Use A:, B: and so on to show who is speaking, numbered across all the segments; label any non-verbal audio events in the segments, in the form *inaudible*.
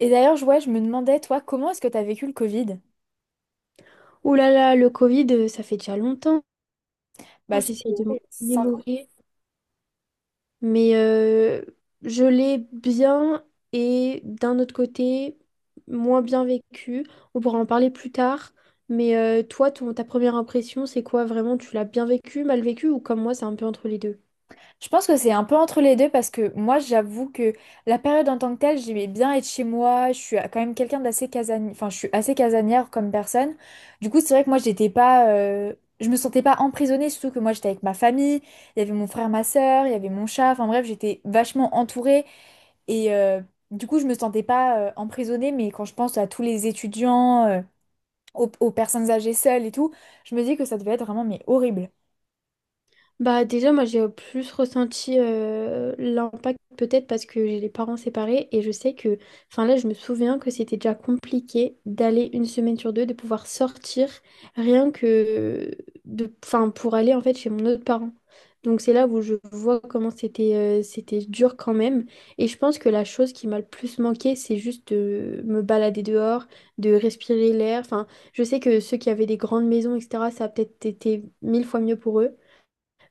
A: Et d'ailleurs, ouais, je me demandais, toi, comment est-ce que tu as vécu le Covid?
B: Ouh là là, le Covid, ça fait déjà longtemps.
A: Bah, c'était
B: J'essaye
A: ouais,
B: de
A: il
B: me
A: y a 5 ans.
B: remémorer. Mais euh, je l'ai bien et d'un autre côté, moins bien vécu. On pourra en parler plus tard. Toi, ta première impression, c'est quoi vraiment? Tu l'as bien vécu, mal vécu ou comme moi, c'est un peu entre les deux?
A: Je pense que c'est un peu entre les deux parce que moi, j'avoue que la période en tant que telle, j'aimais bien être chez moi. Je suis quand même quelqu'un d'assez casanier, enfin, je suis assez casanière comme personne. Du coup, c'est vrai que moi, j'étais pas, je me sentais pas emprisonnée, surtout que moi, j'étais avec ma famille. Il y avait mon frère, ma sœur, il y avait mon chat. Enfin bref, j'étais vachement entourée et du coup, je me sentais pas emprisonnée. Mais quand je pense à tous les étudiants, aux personnes âgées seules et tout, je me dis que ça devait être vraiment mais horrible.
B: Bah déjà moi j'ai plus ressenti l'impact peut-être parce que j'ai les parents séparés et je sais que enfin là je me souviens que c'était déjà compliqué d'aller une semaine sur deux de pouvoir sortir rien que de enfin pour aller en fait chez mon autre parent. Donc c'est là où je vois comment c'était c'était dur quand même et je pense que la chose qui m'a le plus manqué c'est juste de me balader dehors, de respirer l'air. Enfin je sais que ceux qui avaient des grandes maisons etc ça a peut-être été mille fois mieux pour eux.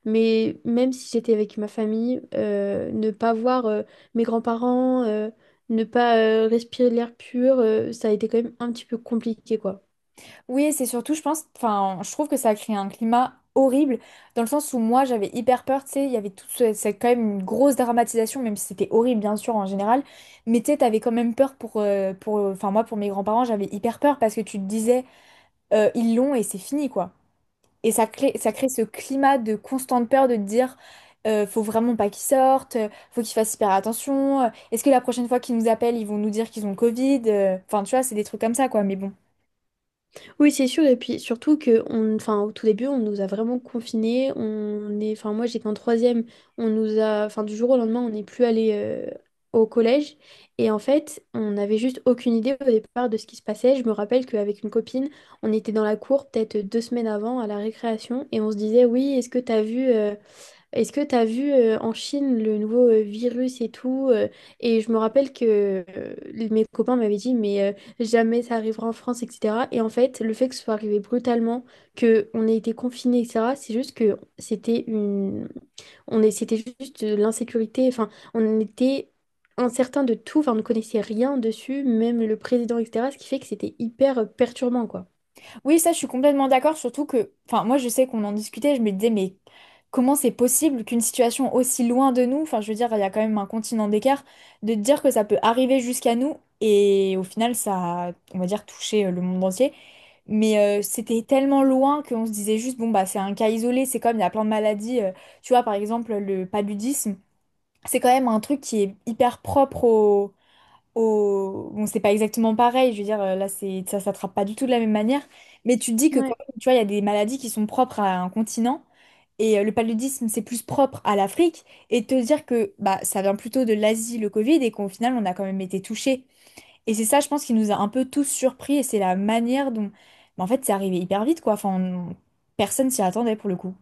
B: Mais même si j'étais avec ma famille, ne pas voir mes grands-parents, ne pas respirer l'air pur, ça a été quand même un petit peu compliqué, quoi.
A: Oui, et c'est surtout, je pense, enfin, je trouve que ça a créé un climat horrible dans le sens où moi j'avais hyper peur, tu sais, il y avait toute cette quand même une grosse dramatisation, même si c'était horrible bien sûr en général, mais tu sais, t'avais quand même peur pour, enfin moi pour mes grands-parents, j'avais hyper peur parce que tu te disais ils l'ont et c'est fini quoi. Et ça crée ce climat de constante peur de te dire, faut vraiment pas qu'ils sortent, faut qu'ils fassent hyper attention. Est-ce que la prochaine fois qu'ils nous appellent, ils vont nous dire qu'ils ont le Covid? Enfin, tu vois, c'est des trucs comme ça, quoi. Mais bon.
B: Oui, c'est sûr. Et puis surtout que, on, enfin, au tout début, on nous a vraiment confinés. On est, enfin, moi, j'étais en troisième. On nous a, enfin, du jour au lendemain, on n'est plus allé au collège. Et en fait, on n'avait juste aucune idée au départ de ce qui se passait. Je me rappelle qu'avec une copine, on était dans la cour peut-être deux semaines avant à la récréation et on se disait, oui, est-ce que t'as vu? Est-ce que tu as vu en Chine le nouveau virus et tout et je me rappelle que mes copains m'avaient dit jamais ça arrivera en France etc. Et en fait le fait que ce soit arrivé brutalement, que on ait été confinés etc. C'est juste que c'était une on est c'était juste de l'insécurité. Enfin on était incertain de tout. Enfin on ne connaissait rien dessus, même le président etc. Ce qui fait que c'était hyper perturbant quoi.
A: Oui, ça, je suis complètement d'accord, surtout que, enfin, moi, je sais qu'on en discutait, je me disais, mais comment c'est possible qu'une situation aussi loin de nous, enfin, je veux dire, il y a quand même un continent d'écart, de te dire que ça peut arriver jusqu'à nous et au final, ça a, on va dire, touché le monde entier. Mais c'était tellement loin qu'on se disait juste, bon, bah, c'est un cas isolé, c'est comme il y a plein de maladies. Tu vois, par exemple, le paludisme, c'est quand même un truc qui est hyper propre Bon, c'est pas exactement pareil, je veux dire, là, ça s'attrape pas du tout de la même manière. Mais tu te dis que,
B: Ouais.
A: quand même, tu vois, il y a des maladies qui sont propres à un continent. Et le paludisme, c'est plus propre à l'Afrique. Et te dire que bah, ça vient plutôt de l'Asie, le Covid, et qu'au final, on a quand même été touchés et c'est ça, je pense, qui nous a un peu tous surpris et c'est la manière dont. Mais en fait, c'est arrivé hyper vite, quoi. Personne s'y attendait pour le coup.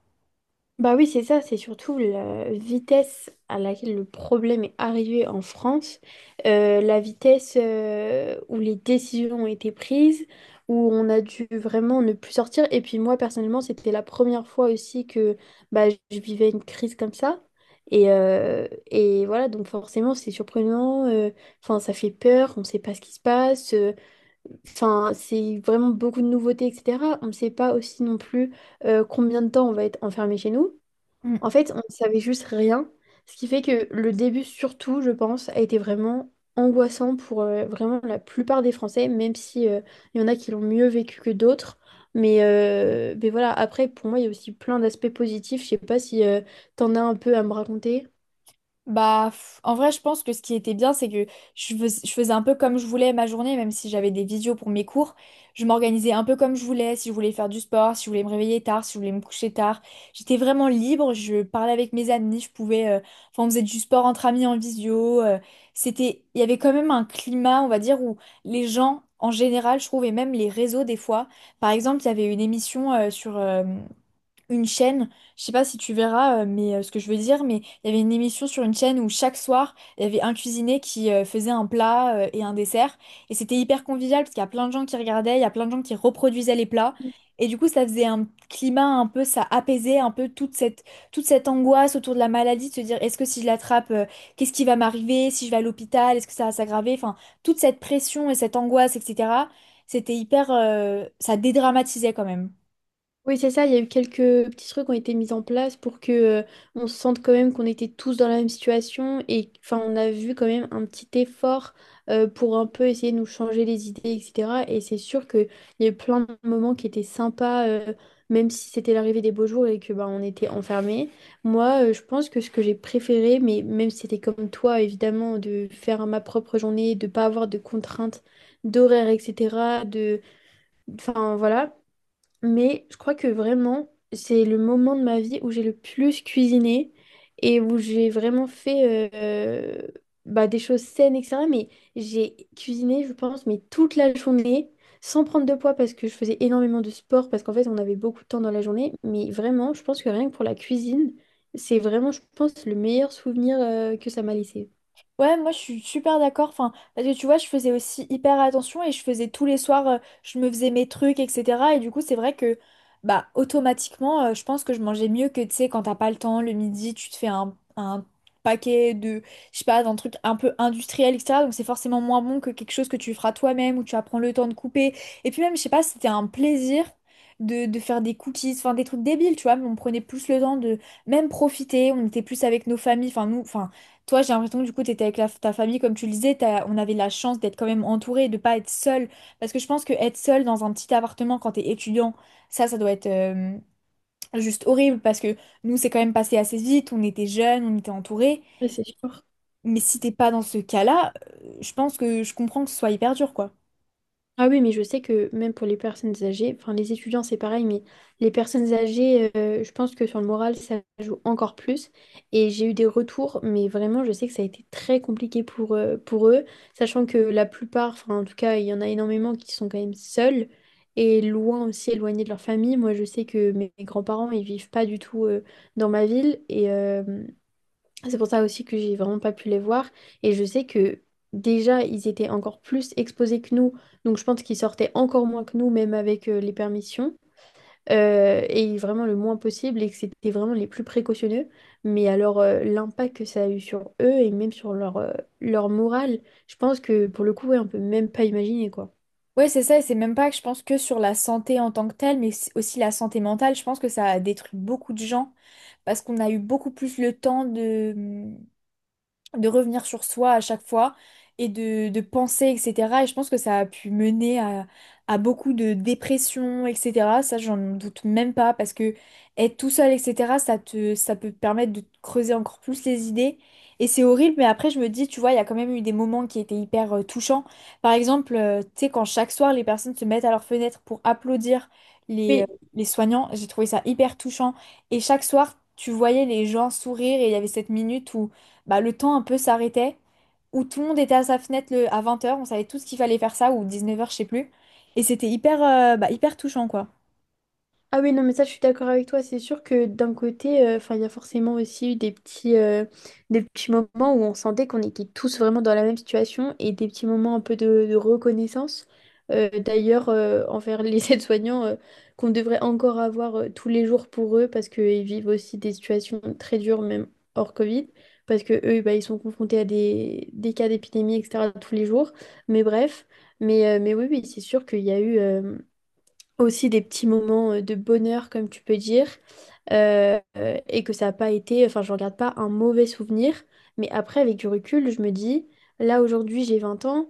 B: Bah oui, c'est ça, c'est surtout la vitesse à laquelle le problème est arrivé en France, la vitesse où les décisions ont été prises, où on a dû vraiment ne plus sortir. Et puis moi, personnellement, c'était la première fois aussi que bah, je vivais une crise comme ça. Et voilà, donc forcément, c'est surprenant, enfin, ça fait peur, on ne sait pas ce qui se passe, enfin, c'est vraiment beaucoup de nouveautés, etc. On ne sait pas aussi non plus combien de temps on va être enfermé chez nous. En fait, on ne savait juste rien, ce qui fait que le début, surtout, je pense, a été vraiment angoissant pour vraiment la plupart des Français, même si il y en a qui l'ont mieux vécu que d'autres. Mais voilà, après, pour moi, il y a aussi plein d'aspects positifs. Je sais pas si tu t'en as un peu à me raconter.
A: Bah, en vrai, je pense que ce qui était bien, c'est que je faisais un peu comme je voulais ma journée, même si j'avais des visios pour mes cours. Je m'organisais un peu comme je voulais, si je voulais faire du sport, si je voulais me réveiller tard, si je voulais me coucher tard. J'étais vraiment libre, je parlais avec mes amis, je pouvais... Enfin, on faisait du sport entre amis en visio. C'était... Il y avait quand même un climat, on va dire, où les gens, en général, je trouve, et même les réseaux des fois. Par exemple, il y avait une émission sur... une chaîne, je sais pas si tu verras ce que je veux dire, mais il y avait une émission sur une chaîne où chaque soir, il y avait un cuisinier qui faisait un plat et un dessert et c'était hyper convivial parce qu'il y a plein de gens qui regardaient, il y a plein de gens qui reproduisaient les plats et du coup, ça faisait un climat un peu ça apaisait un peu toute cette angoisse autour de la maladie de se dire est-ce que si je l'attrape, qu'est-ce qui va m'arriver, si je vais à l'hôpital, est-ce que ça va s'aggraver, enfin toute cette pression et cette angoisse etc. C'était hyper ça dédramatisait quand même.
B: Oui, c'est ça, il y a eu quelques petits trucs qui ont été mis en place pour que on se sente quand même qu'on était tous dans la même situation et enfin on a vu quand même un petit effort pour un peu essayer de nous changer les idées, etc. Et c'est sûr qu'il y a eu plein de moments qui étaient sympas, même si c'était l'arrivée des beaux jours et que bah, on était enfermés. Moi, je pense que ce que j'ai préféré, mais même si c'était comme toi, évidemment, de faire ma propre journée, de pas avoir de contraintes d'horaire, etc. De... Enfin voilà. Mais je crois que vraiment, c'est le moment de ma vie où j'ai le plus cuisiné et où j'ai vraiment fait bah, des choses saines, etc. Mais j'ai cuisiné, je pense, mais toute la journée, sans prendre de poids parce que je faisais énormément de sport, parce qu'en fait, on avait beaucoup de temps dans la journée. Mais vraiment, je pense que rien que pour la cuisine, c'est vraiment, je pense, le meilleur souvenir que ça m'a laissé.
A: Ouais, moi je suis super d'accord. Enfin, parce que tu vois, je faisais aussi hyper attention et je faisais tous les soirs, je me faisais mes trucs, etc. Et du coup, c'est vrai que, bah, automatiquement, je pense que je mangeais mieux que, tu sais, quand t'as pas le temps, le midi, tu te fais un paquet de, je sais pas, d'un truc un peu industriel, etc. Donc c'est forcément moins bon que quelque chose que tu feras toi-même ou tu vas prendre le temps de couper. Et puis même, je sais pas, c'était un plaisir. De faire des cookies, enfin des trucs débiles, tu vois, mais on prenait plus le temps de même profiter, on était plus avec nos familles, enfin nous, enfin toi, j'ai l'impression que du coup, tu étais avec ta famille, comme tu le disais, on avait la chance d'être quand même entouré, de pas être seul. Parce que je pense que être seul dans un petit appartement quand t'es étudiant, ça doit être juste horrible. Parce que nous, c'est quand même passé assez vite, on était jeunes, on était entourés.
B: Ouais, c'est sûr.
A: Mais si t'es pas dans ce cas-là, je pense que je comprends que ce soit hyper dur, quoi.
B: Ah oui, mais je sais que même pour les personnes âgées, enfin les étudiants c'est pareil, mais les personnes âgées, je pense que sur le moral, ça joue encore plus. Et j'ai eu des retours, mais vraiment, je sais que ça a été très compliqué pour eux, sachant que la plupart, enfin en tout cas, il y en a énormément qui sont quand même seuls et loin aussi, éloignés de leur famille. Moi, je sais que mes grands-parents, ils vivent pas du tout dans ma ville et, c'est pour ça aussi que j'ai vraiment pas pu les voir. Et je sais que déjà, ils étaient encore plus exposés que nous. Donc je pense qu'ils sortaient encore moins que nous, même avec les permissions. Et vraiment le moins possible et que c'était vraiment les plus précautionneux. Mais alors l'impact que ça a eu sur eux et même sur leur, leur morale, je pense que pour le coup, ouais, on peut même pas imaginer quoi.
A: Ouais, c'est ça, et c'est même pas que je pense que sur la santé en tant que telle, mais aussi la santé mentale, je pense que ça a détruit beaucoup de gens parce qu'on a eu beaucoup plus le temps de revenir sur soi à chaque fois et de penser, etc. Et je pense que ça a pu mener à beaucoup de dépression, etc. Ça, j'en doute même pas parce que être tout seul, etc., ça peut te permettre de te creuser encore plus les idées. Et c'est horrible, mais après, je me dis, tu vois, il y a quand même eu des moments qui étaient hyper touchants. Par exemple, tu sais, quand chaque soir, les personnes se mettent à leur fenêtre pour applaudir les, euh,
B: Oui,
A: les soignants, j'ai trouvé ça hyper touchant. Et chaque soir, tu voyais les gens sourire et il y avait cette minute où bah, le temps un peu s'arrêtait, où tout le monde était à sa fenêtre à 20 heures on savait tous qu'il fallait faire ça, ou 19 heures je sais plus. Et c'était hyper touchant, quoi.
B: ah oui, non, mais ça, je suis d'accord avec toi. C'est sûr que d'un côté, enfin, il y a forcément aussi eu des petits moments où on sentait qu'on était tous vraiment dans la même situation et des petits moments un peu de reconnaissance. D'ailleurs, envers les *laughs* aides-soignants, qu'on devrait encore avoir tous les jours pour eux parce qu'ils vivent aussi des situations très dures, même hors Covid, parce que eux, bah, ils sont confrontés à des cas d'épidémie, etc., tous les jours. Mais bref, mais oui, oui, c'est sûr qu'il y a eu. Aussi des petits moments de bonheur, comme tu peux dire, et que ça n'a pas été, enfin, je ne regarde pas un mauvais souvenir. Mais après, avec du recul, je me dis, là, aujourd'hui, j'ai 20 ans,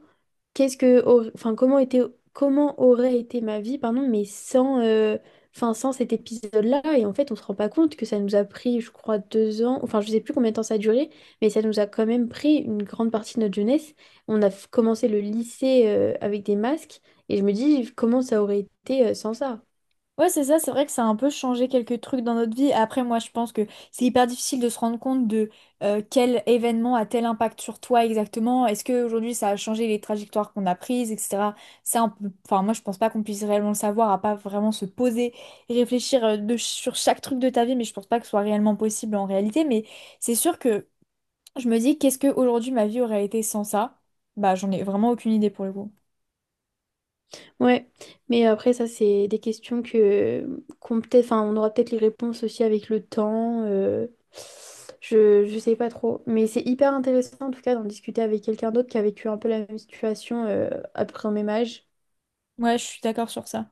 B: qu'est-ce que enfin comment était comment aurait été ma vie pardon mais sans enfin sans cet épisode-là et en fait on se rend pas compte que ça nous a pris je crois 2 ans enfin je sais plus combien de temps ça a duré mais ça nous a quand même pris une grande partie de notre jeunesse on a commencé le lycée avec des masques et je me dis comment ça aurait été sans ça.
A: Ouais, c'est ça, c'est vrai que ça a un peu changé quelques trucs dans notre vie. Après, moi, je pense que c'est hyper difficile de se rendre compte de quel événement a tel impact sur toi exactement. Est-ce qu'aujourd'hui, ça a changé les trajectoires qu'on a prises, etc. Ça, enfin, moi, je pense pas qu'on puisse réellement le savoir, à pas vraiment se poser et réfléchir sur chaque truc de ta vie, mais je pense pas que ce soit réellement possible en réalité. Mais c'est sûr que je me dis, qu'est-ce que aujourd'hui ma vie aurait été sans ça? Bah, j'en ai vraiment aucune idée pour le coup.
B: Ouais, mais après ça c'est des questions que qu'on peut-être, enfin on aura peut-être les réponses aussi avec le temps. Je sais pas trop, mais c'est hyper intéressant en tout cas d'en discuter avec quelqu'un d'autre qui a vécu un peu la même situation à peu près au même âge.
A: Ouais, je suis d'accord sur ça.